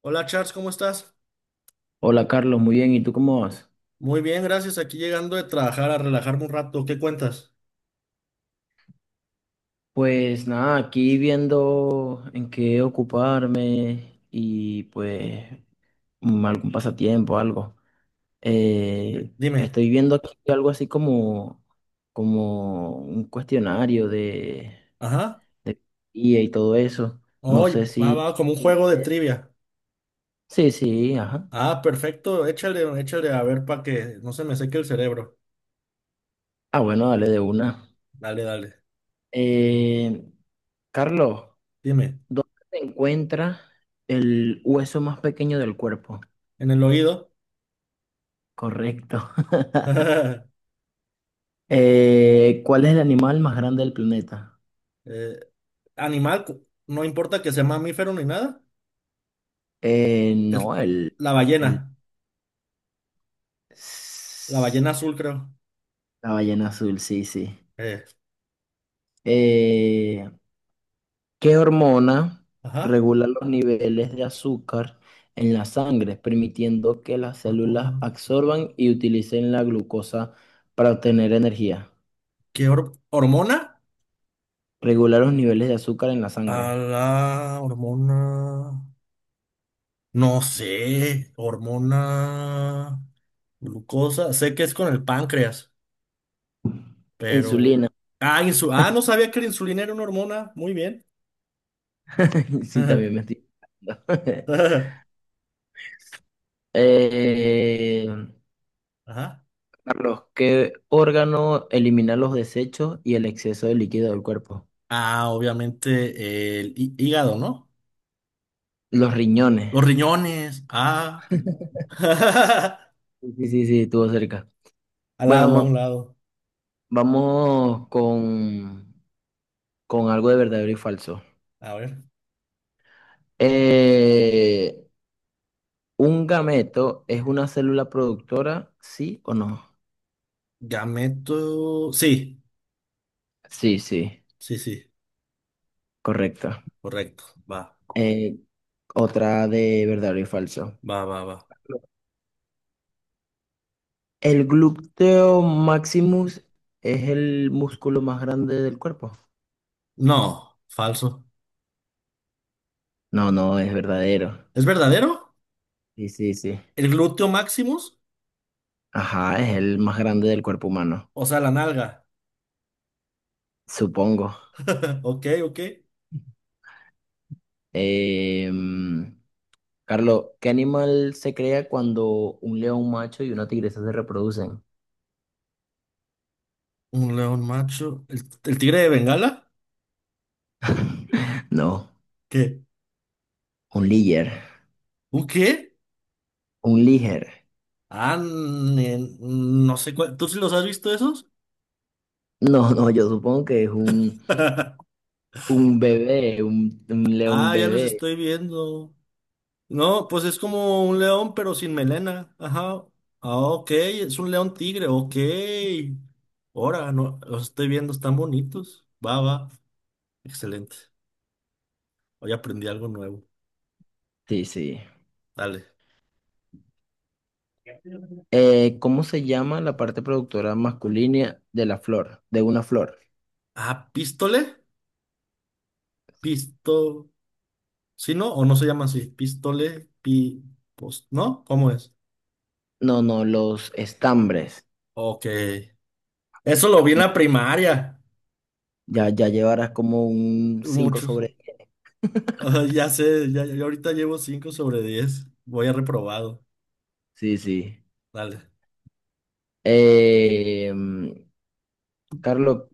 Hola Charles, ¿cómo estás? Hola Carlos, muy bien, ¿y tú cómo vas? Muy bien, gracias. Aquí llegando de trabajar a relajarme un rato. ¿Qué cuentas? Pues nada, aquí viendo en qué ocuparme y pues algún pasatiempo, algo. Eh, Dime. estoy viendo aquí algo así como un cuestionario de, Ajá. de guía y todo eso. No Hoy sé va si como un te juego de interesa. trivia. Sí, sí, ajá. Ah, perfecto. Échale, échale a ver para que no se me seque el cerebro. Ah, bueno, dale de una. Dale, dale. Eh, Carlos, Dime. ¿dónde se encuentra el hueso más pequeño del cuerpo? ¿En el oído? Correcto. ¿Cuál es el animal más grande del planeta? Eh, Animal, no importa que sea mamífero ni nada. Eh, Es no, el, la el, ballena. La ballena azul, creo. la ballena azul, sí, sí. Eh, Eh, ¿qué hormona ajá. regula los niveles de azúcar en la sangre, permitiendo que las células Hormona. absorban y utilicen la glucosa para obtener energía? ¿Qué hormona? Regular los niveles de azúcar en la A sangre. la hormona. No sé, hormona, glucosa, sé que es con el páncreas, pero... Insulina. Ah, no sabía que la insulina era una hormona, muy bien. Sí, también me estoy equivocando. Ajá. Eh, Carlos, ¿qué órgano elimina los desechos y el exceso de líquido del cuerpo? Ah, obviamente el hígado, ¿no? Los riñones. Los riñones, ah. Sí, sí, sí, sí, estuvo cerca. Al Bueno, lado, a un lado. vamos con algo de verdadero y falso. A ver. Eh, ¿un gameto es una célula productora, sí o no? Gameto... Sí, Sí, sí, sí, sí, correcto. correcto. Va, Eh, otra de verdadero y falso. va, va, va. ¿El glúteo maximus es el músculo más grande del cuerpo? No, falso. No, no, es verdadero. ¿Es verdadero? Sí, sí, sí. ¿El glúteo maximus? Ajá, es el más grande del cuerpo humano, O sea, la nalga. supongo. Ok, ok. Em, Carlos, ¿qué animal se crea cuando un león macho y una tigresa se reproducen? Un león macho. ¿El tigre de Bengala? No, ¿Qué? un liger. ¿Un qué? Un liger. Ah, no sé cuál. ¿Tú sí los has visto esos? No, no, yo supongo que es un, un bebé, un león Ah, ya los bebé. estoy viendo. No, pues es como un león, pero sin melena. Ajá. Ah, ok, es un león tigre, ok. Ahora, no, los estoy viendo, están bonitos. Va, va. Excelente. Hoy aprendí algo nuevo. Sí, sí. Dale. ¿Cómo se llama la parte productora masculina de la flor, de una flor? Ah, ¿pístole? Pisto. ¿Sí, no? ¿O no se llama así? Pistole, ¿no? ¿Cómo es? No, no, los estambres. Ok. Eso lo vi en Ya, la primaria. ya, ya llevarás como un cinco Muchos. sobre 10. Ah, ya sé, ya, ya yo ahorita llevo 5 sobre 10. Voy a reprobado. Sí, sí. Dale. Eh, mm, Carlos,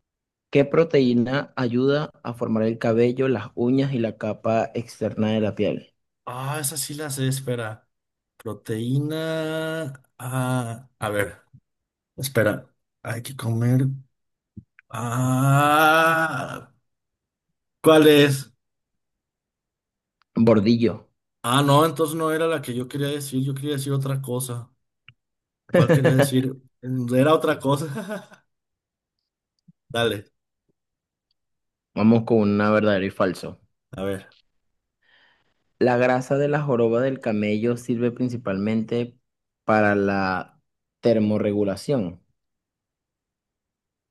¿qué proteína ayuda a formar el cabello, las uñas y la capa externa de la piel? Ah, esa sí la sé, espera. Proteína. Ah, a ver, espera. Hay que comer. Ah, ¿cuál es? Bordillo. Ah, no, entonces no era la que yo quería decir. Yo quería decir otra cosa. ¿Cuál quería decir? Era otra cosa. Dale. Vamos con una verdadero y falso. A ver. La grasa de la joroba del camello sirve principalmente para la termorregulación.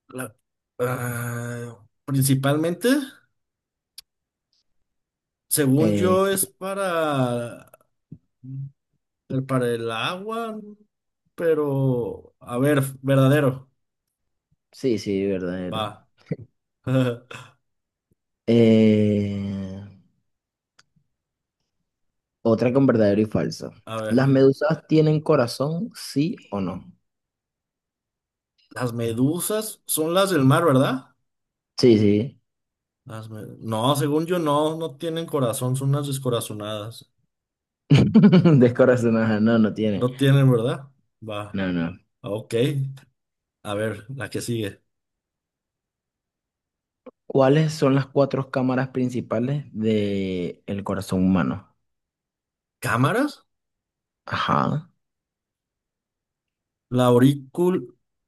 la- Principalmente, según Eh, yo, es para el agua, pero a ver, verdadero. sí, sí, verdadero. Va. Eh, Otra con verdadero y falso. A ¿Las ver. medusas tienen corazón, sí o no? Las medusas son las del mar, ¿verdad? Sí, sí. No, según yo, no tienen corazón, son unas descorazonadas. Descorazonadas. No, no tiene. No tienen, ¿verdad? Va. No, no. Ok. A ver, la que sigue. ¿Cuáles son las cuatro cámaras principales del corazón humano? ¿Cámaras? Ajá. La aurícula.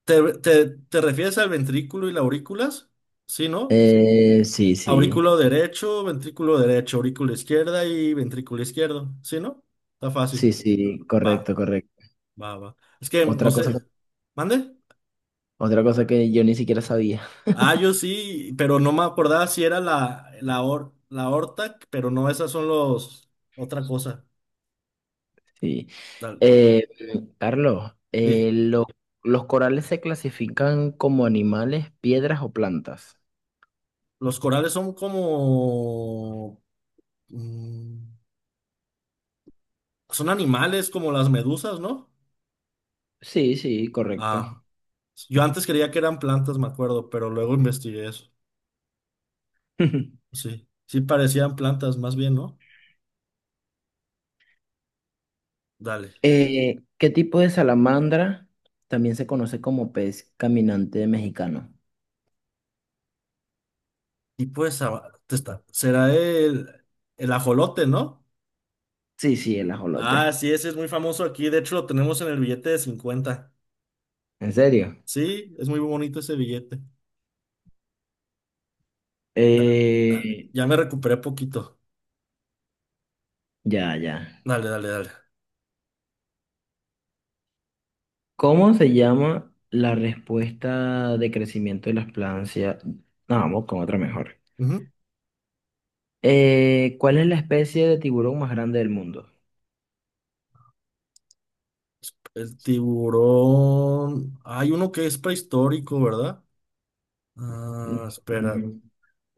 ¿Te refieres al ventrículo y la aurículas? Sí, ¿no? Sí, sí. Aurículo derecho, ventrículo derecho, aurícula izquierda y ventrículo izquierdo. ¿Sí, no? Está fácil. Sí, sí. Va, Correcto, correcto. va, va. Es que no Otra cosa, sé. ¿Mande? otra cosa que yo ni siquiera sabía. Ah, yo sí, pero no me acordaba si era la or la aorta, pero no, esas son los. Otra cosa. Sí. Dale. Eh, Carlos, Sí. ¿Los corales se clasifican como animales, piedras o plantas? Los corales son como, mm, son animales como las medusas, ¿no? Sí, sí, correcto. Ah, yo antes creía que eran plantas, me acuerdo, pero luego investigué eso. Sí, sí parecían plantas, más bien, ¿no? Dale. ¿Qué tipo de salamandra también se conoce como pez caminante mexicano? Y pues, te está. Será el ajolote, ¿no? Sí, sí, el Ah, ajolote. sí, ese es muy famoso aquí. De hecho, lo tenemos en el billete de 50. ¿En serio? Sí, es muy bonito ese billete. Da- Dale. Eh, Ya me recuperé poquito. ya, ya. Dale, dale, dale. ¿Cómo se llama la respuesta de crecimiento de las plantas? No, vamos con otra mejor. Ujú. ¿Cuál es la especie de tiburón más grande del mundo? El tiburón. Hay uno que es prehistórico, ¿verdad? Ah, espera. Mm,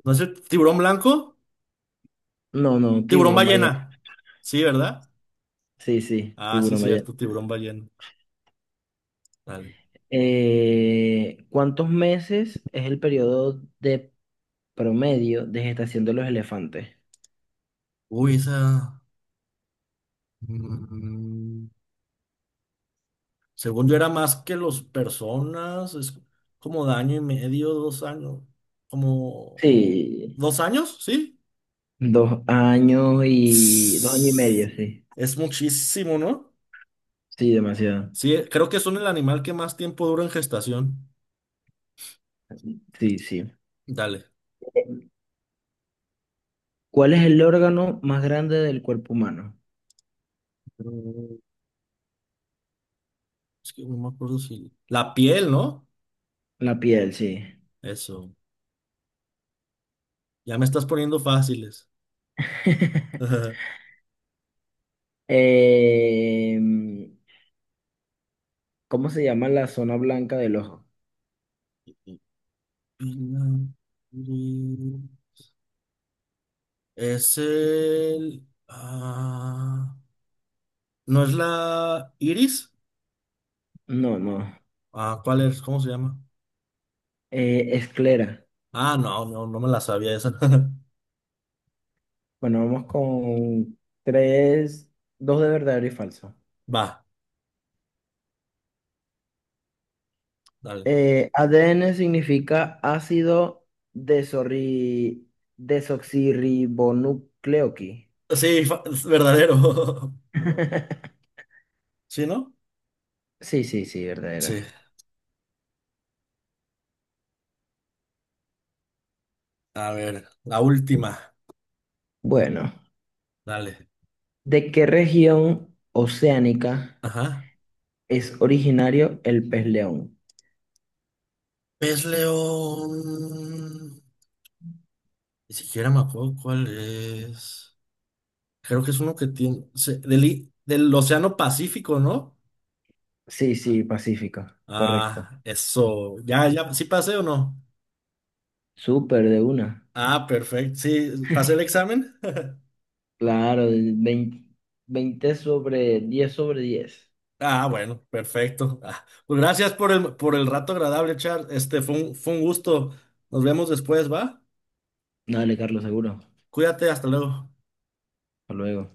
¿No es el tiburón blanco? No, no, Tiburón tiburón ballena. ballena. Sí, ¿verdad? Sí, sí, Ah, sí, tiburón ballena. cierto, tiburón ballena. Dale. ¿Cuántos meses es el periodo de promedio de gestación de los elefantes? Uy, esa, mm, según yo era más que los personas. Es como de año y medio, 2 años. Como. Sí, ¿2 años? Sí. 2 años y dos años y Sss, medio, sí. Es muchísimo, ¿no? Sí, demasiado. Sí, creo que son el animal que más tiempo dura en gestación. Sí, sí. Dale. ¿Cuál es el órgano más grande del cuerpo humano? Mm, Es que no me acuerdo si. La piel, ¿no? La piel, sí. Eso. Ya me estás poniendo fáciles. Em, ¿cómo se llama la zona blanca del ojo? Es el... ¿no es la Iris? No, no. Ah, ¿cuál es? ¿Cómo se llama? Esclera. Ah, no, no, no me la sabía esa. Bueno, vamos con tres, dos de verdadero y falso. Va, dale. ADN significa ácido desorri- desoxirribonucleoqui. Sí, es verdadero. ¿Sí, no? Sí, sí, sí, verdadero. Sí. A ver, la última. Bueno, Dale. ¿de qué región oceánica Ajá. es originario el pez león? Pez león. Ni siquiera me acuerdo cuál es. Creo que es uno que tiene... del, del Océano Pacífico, ¿no? Sí, sí, Pacífico, correcto. Ah, eso. Ya, ya, ¿sí pasé o no? Súper de una. Ah, perfecto. Sí, ¿pasé el examen? Claro, el veinte 20 sobre 10 sobre 10. Ah, bueno, perfecto. Ah, pues gracias por el rato agradable, Char. Este fue un gusto. Nos vemos después, ¿va? Dale, Carlos, seguro. Cuídate, hasta luego. Hasta luego.